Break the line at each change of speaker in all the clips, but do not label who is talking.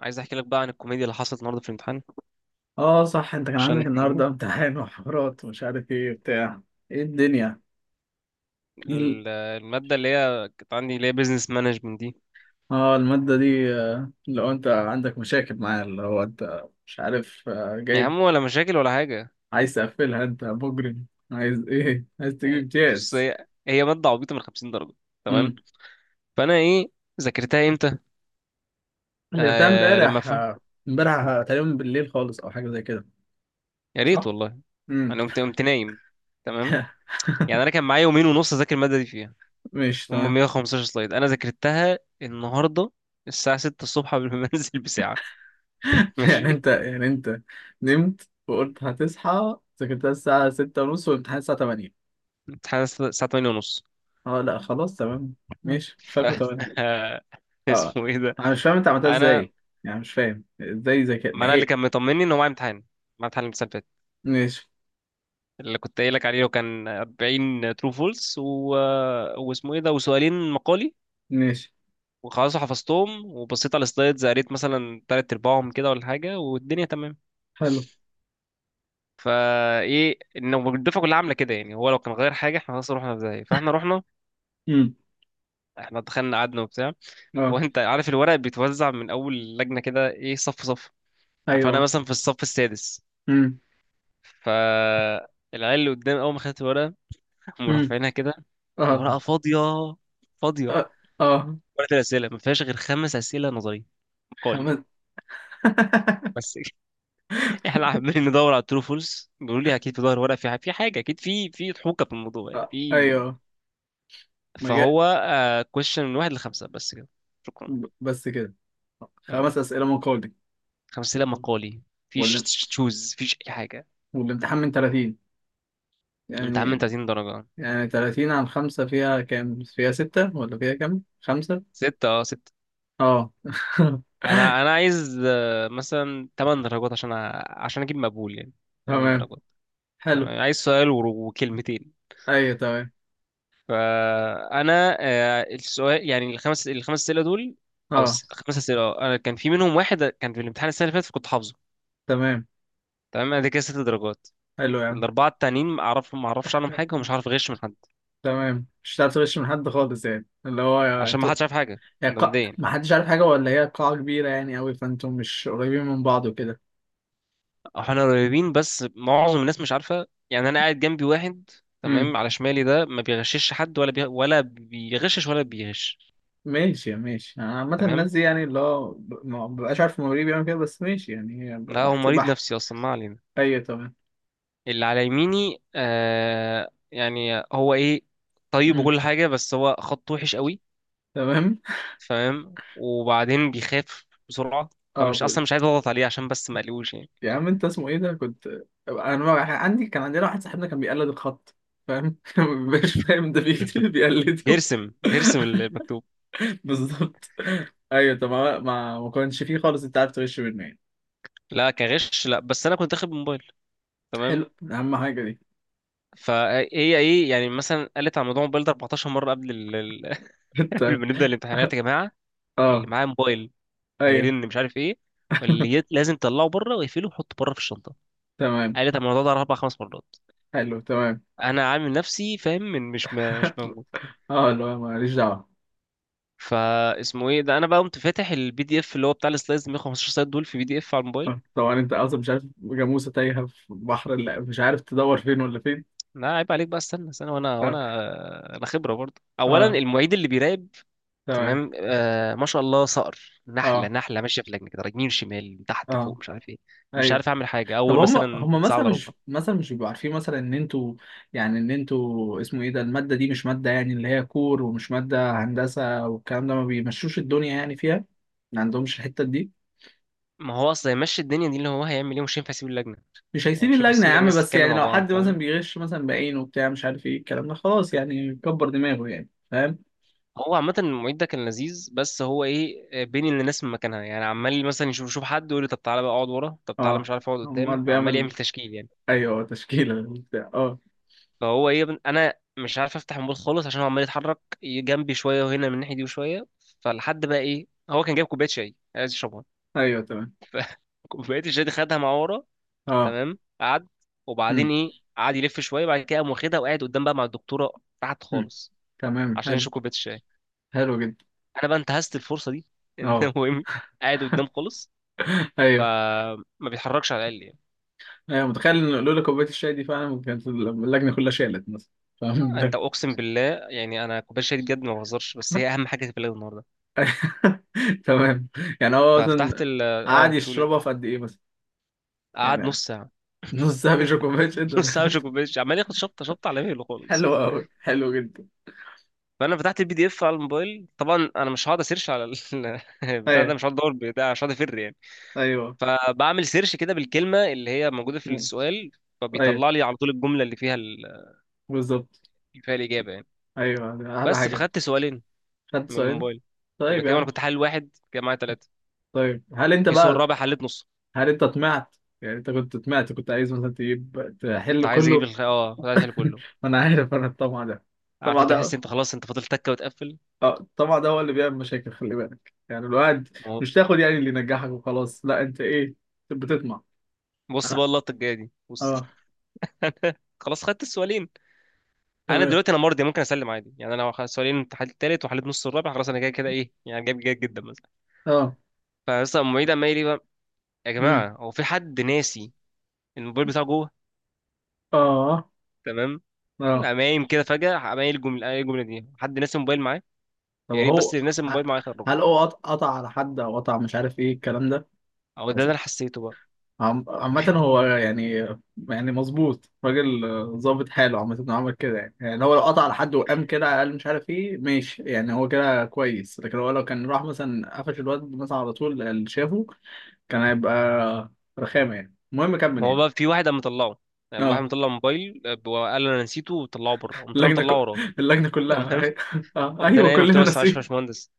عايز احكي لك بقى عن الكوميديا اللي حصلت النهارده في الامتحان
اه صح، انت كان
عشان
عندك النهارده امتحان وحوارات ومش عارف ايه بتاع ايه الدنيا. ايه ال-
الماده اللي هي كانت عندي اللي هي بيزنس مانجمنت دي،
اه المادة دي، لو انت عندك مشاكل معاها اللي هو انت مش عارف،
يا
جايب
عم ولا مشاكل ولا حاجه.
عايز تقفلها انت مجرم. عايز ايه عايز تجيب
إيه، بص
امتياز؟
هي ماده عبيطه من 50 درجه. تمام.
امم.
فانا ايه، ذاكرتها امتى؟
غيرتها
آه لما
امبارح
فهم.
آه، امبارح آه، تقريبا بالليل خالص او حاجة زي كده.
يا ريت
صح؟
والله.
امم.
انا قمت نايم. تمام. يعني انا كان معايا يومين ونص اذاكر الماده دي، فيها
ماشي
هم
تمام.
115 سلايد انا ذاكرتها النهارده الساعه 6 الصبح قبل ما انزل بساعه. ماشي.
يعني انت نمت وقلت هتصحى ذاكرتها الساعة ستة ونص والامتحان الساعة تمانية.
الامتحان الساعه 8:30.
اه لا خلاص تمام. ماشي، مش
ف
فاكره. تمام. اه،
اسمه ايه ده؟
انا مش فاهم انت عملتها
انا،
ازاي. يعني مش فاهم ازاي ذكاء
ما انا اللي
لحقت.
كان مطمني ان هو معايا امتحان، الامتحان اللي فات
ماشي
اللي كنت قايل لك عليه، وكان 40 ترو فولس و... واسمه ايه ده، وسؤالين مقالي.
ماشي.
وخلاص حفظتهم، وبصيت على السلايدز قريت مثلا تلات ارباعهم كده ولا حاجه، والدنيا تمام.
حلو.
فايه، انه الدفعه كلها عامله كده يعني، هو لو كان غير حاجه احنا خلاص رحنا ازاي؟ فاحنا رحنا،
امم.
احنا دخلنا قعدنا وبتاع. هو
اه.
انت عارف الورق بيتوزع من اول لجنه كده، ايه، صف صف. فانا
ايوه.
مثلا في الصف السادس.
امم.
فالعيال اللي قدام اول ما خدت الورقه قاموا
امم.
رافعينها كده.
اه
الورقه فاضيه، فاضيه.
اه. اه،
ورقه الاسئله ما فيهاش غير خمس اسئله نظري، مقالي
خمس؟
بس. احنا عمالين ندور على الترو فولس، بيقولوا لي اكيد في ظهر ورقه، في في حاجه اكيد، في ضحوكه في الموضوع يعني
آه.
في.
ايوه. ما جاء.
فهو كويشن من واحد لخمسه بس كده. شكرا.
بس كده.
اه،
خمس اسئله مقالي.
خمس اسئله مقالي، فيش
وال...
تشوز فيش اي حاجه.
والامتحان من 30
انت عم،
يعني.
انت 30 درجه.
يعني، 30 عن خمسة فيها كام؟ فيها ستة ولا فيها كام؟ خمسة؟
سته، اه ست.
اه.
انا عايز آه، مثلا 8 درجات عشان عشان اجيب مقبول يعني. 8
تمام.
درجات.
حلو.
تمام. عايز سؤال وكلمتين.
ايوه تمام.
فانا آه، السؤال يعني الخمس اسئله دول، او
اه
خمس اسئله آه، انا كان في منهم واحد كان في الامتحان السنه اللي فاتت كنت حافظه.
تمام.
تمام. انا ده كده ست درجات.
حلو يا عم.
الاربعه التانيين ما اعرفش عنهم حاجه، ومش عارف اغش من حد،
تمام، مش هتعرف تغش من حد خالص. يعني اللي هو
عشان ما
انتوا،
حدش عارف حاجه. ده مبدئيا.
ما حدش عارف حاجه ولا هي قاعه كبيره يعني قوي فانتوا مش قريبين من بعض وكده.
احنا قريبين بس معظم الناس مش عارفه يعني. انا قاعد جنبي واحد،
امم.
تمام، على شمالي ده ما بيغشش حد، ولا بيغشش ولا بيغش.
ماشي ماشي، انا عامه
تمام.
الناس دي يعني اللي هو ما ببقاش عارف المواليد بيعمل كده بس ماشي يعني. هي
لا هو
بحت
مريض
بحت.
نفسي اصلا، ما علينا.
ايوه تمام.
اللي على يميني آه، يعني هو ايه، طيب
امم.
وكل حاجه، بس هو خط وحش قوي.
تمام.
تمام. وبعدين بيخاف بسرعه،
اه
فمش
ب...
اصلا مش عايز اضغط عليه عشان بس ما اقلقوش يعني.
يا عم، انت اسمه ايه ده كنت. انا ما- عندي كان عندنا واحد صاحبنا كان بيقلد الخط. فاهم؟ ما بيبقاش فاهم ده، بيكتب بيقلده.
بيرسم المكتوب.
بالظبط. ايوه. طب ما كانش فيه خالص، انت عارف تغش منه يعني.
لا كغش لا، بس انا كنت اخد موبايل. تمام.
حلو، اهم حاجه دي.
فهي ايه يعني، مثلا قالت على موضوع الموبايل ده 14 مره. قبل
انت.
قبل ما نبدا الامتحانات يا جماعه، اللي
اه.
معاه موبايل
ايوه.
هيرن مش عارف ايه، لازم تطلعه بره واقفله وحطه بره في الشنطه.
تمام.
قالت على الموضوع ده اربع خمس مرات.
حلو. تمام.
انا عامل نفسي فاهم من مش موجود.
اه لا، ماليش دعوه.
فاسمه ايه ده، انا بقى قمت فاتح البي دي اف اللي هو بتاع السلايدز 115 سلايد دول، في بي دي اف على الموبايل.
طبعا انت اصلا مش عارف، جاموسه تايهه في بحر، لا مش عارف تدور فين ولا فين.
لا عيب عليك بقى، استنى استنى. وانا
اه
انا خبره برضه. اولا،
اه.
المعيد اللي بيراقب،
تمام.
تمام، آه ما شاء الله صقر، نحله
اه
نحله ماشيه في لجنه كده، يمين شمال تحت
اه.
فوق مش عارف ايه. مش
ايوه.
عارف اعمل حاجه
طب
اول
هم
مثلا
هم
ساعه
مثلا
الا
مش
ربع.
مثلا مش بيبقوا عارفين مثلا ان انتوا. يعني ان انتوا اسمه ايه ده، المادة دي مش مادة يعني اللي هي كور، ومش مادة هندسة والكلام ده ما بيمشوش الدنيا يعني فيها. ما عندهمش الحتة دي.
ما هو اصلا يمشي الدنيا دي، اللي هو هيعمل ايه، مش هينفع يسيب اللجنه،
مش
يعني
هيسيب
مش هينفع يسيب
اللجنة يا
اللجنه،
عم،
الناس
بس
تتكلم
يعني
مع
لو
بعض
حد مثلا
فاهم.
بيغش مثلا بعينه وبتاع مش عارف ايه الكلام ده خلاص يعني كبر دماغه يعني. فاهم؟
هو عامة المعيد ده كان لذيذ، بس هو ايه آه، بين الناس من مكانها يعني، عمال مثلا يشوف حد، يقول لي طب تعالى بقى اقعد ورا، طب تعالى مش
اه.
عارف اقعد قدام،
امال
عمال يعمل
بيعمل.
تشكيل يعني.
ايوه تشكيلة وبتاع، اه.
فهو ايه يا ابني، انا مش عارف افتح الموبايل خالص عشان هو عمال يتحرك جنبي شويه، وهنا من الناحيه دي وشويه. فلحد بقى ايه، هو كان جايب كوبايه شاي عايز يشربها.
ايوه تمام.
كوبايه الشاي دي خدها مع ورا.
اه.
تمام، قعد. وبعدين
امم.
ايه قعد يلف شويه، بعد كده قام واخدها وقاعد قدام بقى مع الدكتوره، تحت
امم.
خالص
تمام.
عشان
حلو.
يشرب كوبايه الشاي.
حلو جدا.
انا بقى انتهزت الفرصه دي ان
اه.
هو إيه، قاعد قدام خالص
ايوه.
فما بيتحركش على الاقل يعني.
ايوه، متخيل ان لولا كوبايه الشاي دي فعلا كانت اللجنه كلها شالت مثلا. فاهم؟
انت اقسم بالله، يعني انا كوبايه الشاي دي بجد ما بهزرش، بس هي اهم حاجه في البلد النهارده.
تمام. يعني هو
ففتحت
مثلا
ال، اه
قعد
تقول
يشربها
ايه،
في قد ايه مثلا؟
قعد
يعني
نص ساعه.
نص ساعه بيشرب كوبايه شاي ده؟
نص ساعه، مش كوبايه الشاي، عمال ياخد شطه شطه على مهله خالص.
حلو قوي، حلو جدا.
فانا فتحت البي دي اف على الموبايل، طبعا انا مش هقعد اسيرش على البتاع ده،
ايوه.
مش هقعد ادور بتاع، مش هقعد افر يعني.
ايوه.
فبعمل سيرش كده بالكلمه اللي هي موجوده في
مم.
السؤال،
ايوه
فبيطلع لي على طول الجمله
بالظبط.
اللي فيها الاجابه يعني.
ايوه احلى
بس.
حاجه.
فخدت سؤالين
خدت
من
سؤالين.
الموبايل، يبقى
طيب يا
كده انا
عم.
كنت حل واحد كده معايا، ثلاثه.
طيب، هل انت
في سؤال
بقى
رابع حليت نصه.
هل انت طمعت؟ يعني انت كنت طمعت، كنت عايز مثلا تجيب
كنت
تحل
عايز اجيب
كله.
اه كنت عايز احل كله.
انا عارف انا الطمع ده،
عارف،
الطمع
انت تحس
ده.
انت خلاص انت فاضل تكه وتقفل.
اه طبعا، ده هو اللي بيعمل مشاكل، خلي بالك يعني، الواحد
ما هو-
مش تاخد يعني اللي ينجحك وخلاص، لا انت ايه، بتطمع.
بص بقى
انا.
اللقطه الجايه دي، بص.
اه.
خلاص خدت السؤالين. انا
تمام.
دلوقتي، انا مرضي ممكن اسلم عادي يعني، انا لو سؤالين، حليت التالت وحليت نص الرابع، خلاص انا كده كده ايه يعني، جايب جيد جدا مثلا.
اه.
فمثلا المعيد عمال يقول لي بقى، يا
امم.
جماعه هو في حد ناسي الموبايل بتاعه جوه؟
اه
تمام. قام
اه.
قايم كده فجاه، قام قايل الجمله، دي حد ناسي الموبايل معاه،
طب
يا ريت
هو
بس اللي ناسي
ه-
الموبايل معاه يخرجه.
هل هو قطع على حد او قطع مش عارف ايه الكلام ده
او ده اللي
حصل.
انا حسيته بقى.
عامة هو يعني، يعني مظبوط راجل، ظابط حاله. عامة انه عمل كده يعني، يعني هو لو قطع على حد وقام كده قال مش عارف ايه ماشي يعني هو كده كويس. لكن هو لو كان راح مثلا قفش الواد مثلا على طول اللي شافه كان هيبقى رخامة يعني. المهم كمل
هو
يعني.
بقى في واحد قام مطلعه، يعني واحد
اه.
مطلع موبايل آه، وقال انا نسيته، وطلعه بره. قمت انا
اللجنة ك...
مطلعه وراه.
اللجنة كلها
تمام.
اهي. اه
قمت انا
ايوه
قايم قلت
كلنا
له، بس معلش يا
ناسيين.
باشمهندس.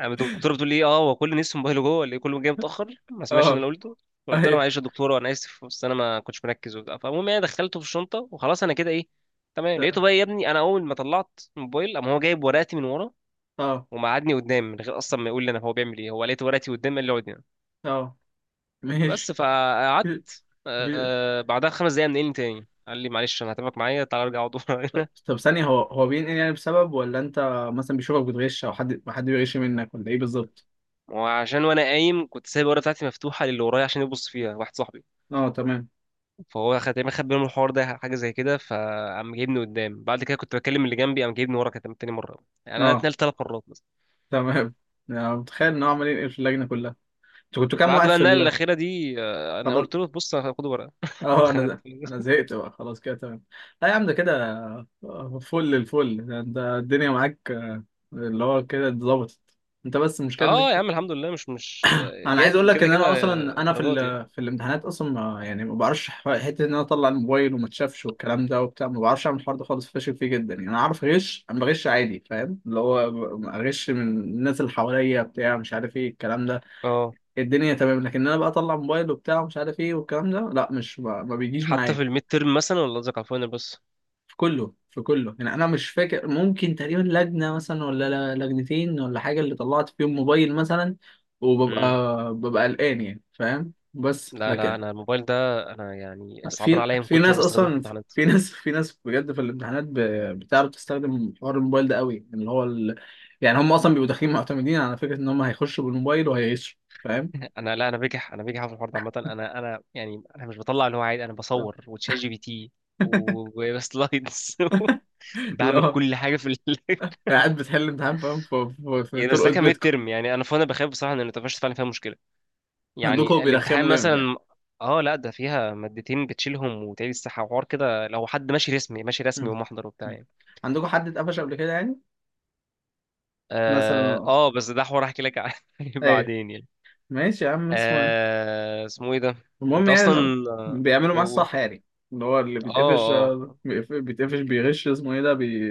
قام الدكتوره بتقول لي، اه هو كل الناس في موبايله جوه، اللي كله جاي متاخر ما سمعش ان انا
اه
قلته. فقلت لها،
ايوه.
معلش يا دكتوره انا اسف، بس انا ما كنتش مركز وبتاع. فالمهم انا دخلته في الشنطه وخلاص، انا كده ايه، تمام. لقيته بقى يا ابني، انا اول ما طلعت الموبايل قام هو جايب ورقتي من ورا،
اه.
ومقعدني قدام من غير اصلا ما يقول لي انا هو بيعمل ايه. هو لقيت ورقتي قدام قال لي اقعد هنا،
اه.
بس.
ماشي.
فقعدت
في-
آه، بعدها خمس دقايق منقلني تاني، قال لي معلش انا هتابعك معايا، تعالى ارجع اقعد ورا
طب
هنا.
طب، ثانية، هو بينقل يعني بسبب، ولا انت مثلا بيشوفك بتغش، او حد بيغش منك، ولا ايه بالظبط؟
وعشان، وانا قايم كنت سايب الورقه بتاعتي مفتوحه للي ورايا عشان يبص فيها واحد صاحبي،
اه تمام.
فهو خد تقريبا خد باله من الحوار ده حاجه زي كده، فقام جايبني قدام. بعد كده كنت بكلم اللي جنبي، قام جايبني ورا، كانت تاني مره. يعني انا
اه
اتنقلت ثلاث مرات مثلا.
تمام. يعني متخيل ان هو عمال ينقل في اللجنة كلها. انتوا كنتوا كام
بعد
واقف
بقى
في
النقله
ال...
الاخيره دي آه، انا
خلاص،
قلت له بص انا هاخد ورقه. أنا
اه انا
اتخنقت.
ده. انا زهقت بقى خلاص كده تمام. لا يا عم ده كده، فل الفل ده، انت الدنيا معاك، اللي هو كده اتظبطت. انت بس مش كده.
اه يا عم الحمد لله، مش مش آه،
انا عايز اقول
جايب
لك
كده
ان
كده،
انا اصلا
آه،
انا في ال...
درجات يعني.
في الامتحانات اصلا يعني ما بعرفش حته ان انا اطلع الموبايل وما اتشافش والكلام ده وبتاع، ما بعرفش اعمل الحوار ده خالص، فاشل فيه جدا يعني. انا عارف اغش، انا بغش عادي فاهم، اللي هو اغش من الناس اللي حواليا بتاع مش عارف ايه الكلام ده
اه.
الدنيا تمام. لكن انا بقى اطلع موبايل وبتاع مش عارف ايه والكلام ده لا، مش ما بيجيش
حتى في
معايا.
الميد تيرم مثلا، ولا قصدك على الفاينل بس؟
في كله، في كله. يعني انا مش فاكر، ممكن تقريبا لجنه مثلا ولا لجنتين ولا حاجه اللي طلعت فيهم موبايل مثلا. وببقى،
امم.
ببقى قلقان يعني، فاهم؟ بس
لا
لكن،
انا الموبايل ده، انا يعني صعبان
في
عليا من
في
كتر
ناس
ما بستخدمه في
اصلا،
الامتحانات.
في ناس، في ناس بجد في الامتحانات بتعرف تستخدم حوار الموبايل ده قوي اللي هو ال... يعني هم اصلا بيبقوا داخلين معتمدين على فكره ان هم هيخشوا بالموبايل وهيعيشوا. فاهم؟
انا لا، انا بجح في الحوار ده عامه. انا مش بطلع اللي هو عادي، انا بصور وتشات جي بي تي وسلايدز. بعمل
لا
كل حاجه في ال...
قاعد بتحل امتحان فاهم،
يعني بس ده
ترقد
كان ميد
بيتكم.
ترم يعني. انا، فانا بخاف بصراحه ان النتفشت فعلا فيها مشكله.
عندكم
يعني الامتحان
بيرخموا جامد يعني؟
مثلا. اه لا، ده فيها مادتين بتشيلهم وتعيد الساحه وحوار كده، لو حد ماشي رسمي ماشي رسمي
مم.
ومحضر وبتاع
مم.
يعني.
عندكم حد اتقفش قبل كده يعني،
اه
مثلا؟
آه، بس ده حوار احكي لك عنه
ايوه.
بعدين يعني.
ماشي يا عم اسمه.
آه اسمه ايه ده،
المهم
انت
يعني
اصلا
إنه
آه،
بيعملوا
إيه،
معاه
قول.
الصح يعني. اللي هو اللي
اه
بيتقفش،
اه.
بيتقفش بيغش اسمه ايه ده بي،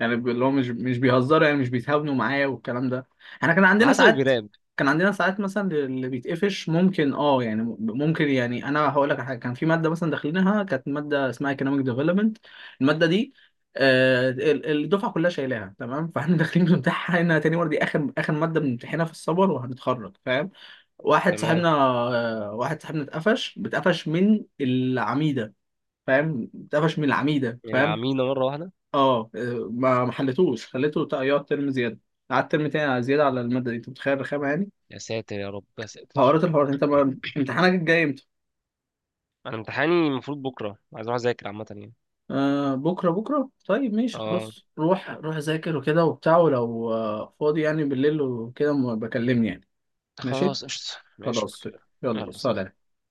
يعني اللي هو مش بيهزروا يعني مش بيتهاونوا معايا والكلام ده. احنا كان
على
عندنا
حسب
ساعات،
البناء.
كان عندنا ساعات مثلا اللي بيتقفش ممكن اه يعني ممكن، يعني انا هقول لك على حاجه، كان في ماده مثلا داخلينها، كانت ماده اسمها economic development. الماده دي، الدفعه كلها شايلاها تمام. فاحنا داخلين بنمتحنها تاني مره. دي اخر اخر ماده بنمتحنها في السمر وهنتخرج، فاهم؟ واحد
تمام.
صاحبنا، واحد صاحبنا اتقفش، بتقفش من العميدة فاهم، اتقفش من العميدة فاهم.
العمينا مرة واحدة.
اه، ما ما حلتوش، خليته يقعد ترم زيادة. قعد ترم تاني على زيادة على المادة دي، انت متخيل رخامة يعني.
يا ساتر يا رب يا ساتر.
حوارات الحوارات. انت ما... امتحانك الجاي امتى؟
أنا امتحاني المفروض بكرة، عايز أروح أذاكر عامة يعني.
آه بكرة. بكرة طيب ماشي
اه
خلاص، روح روح ذاكر وكده وبتاع، ولو فاضي يعني بالليل وكده بكلمني يعني. ماشي.
خلاص قشطة، ماشي
خلاص.
أوكي.
يلا
يلا سلام.
سلام.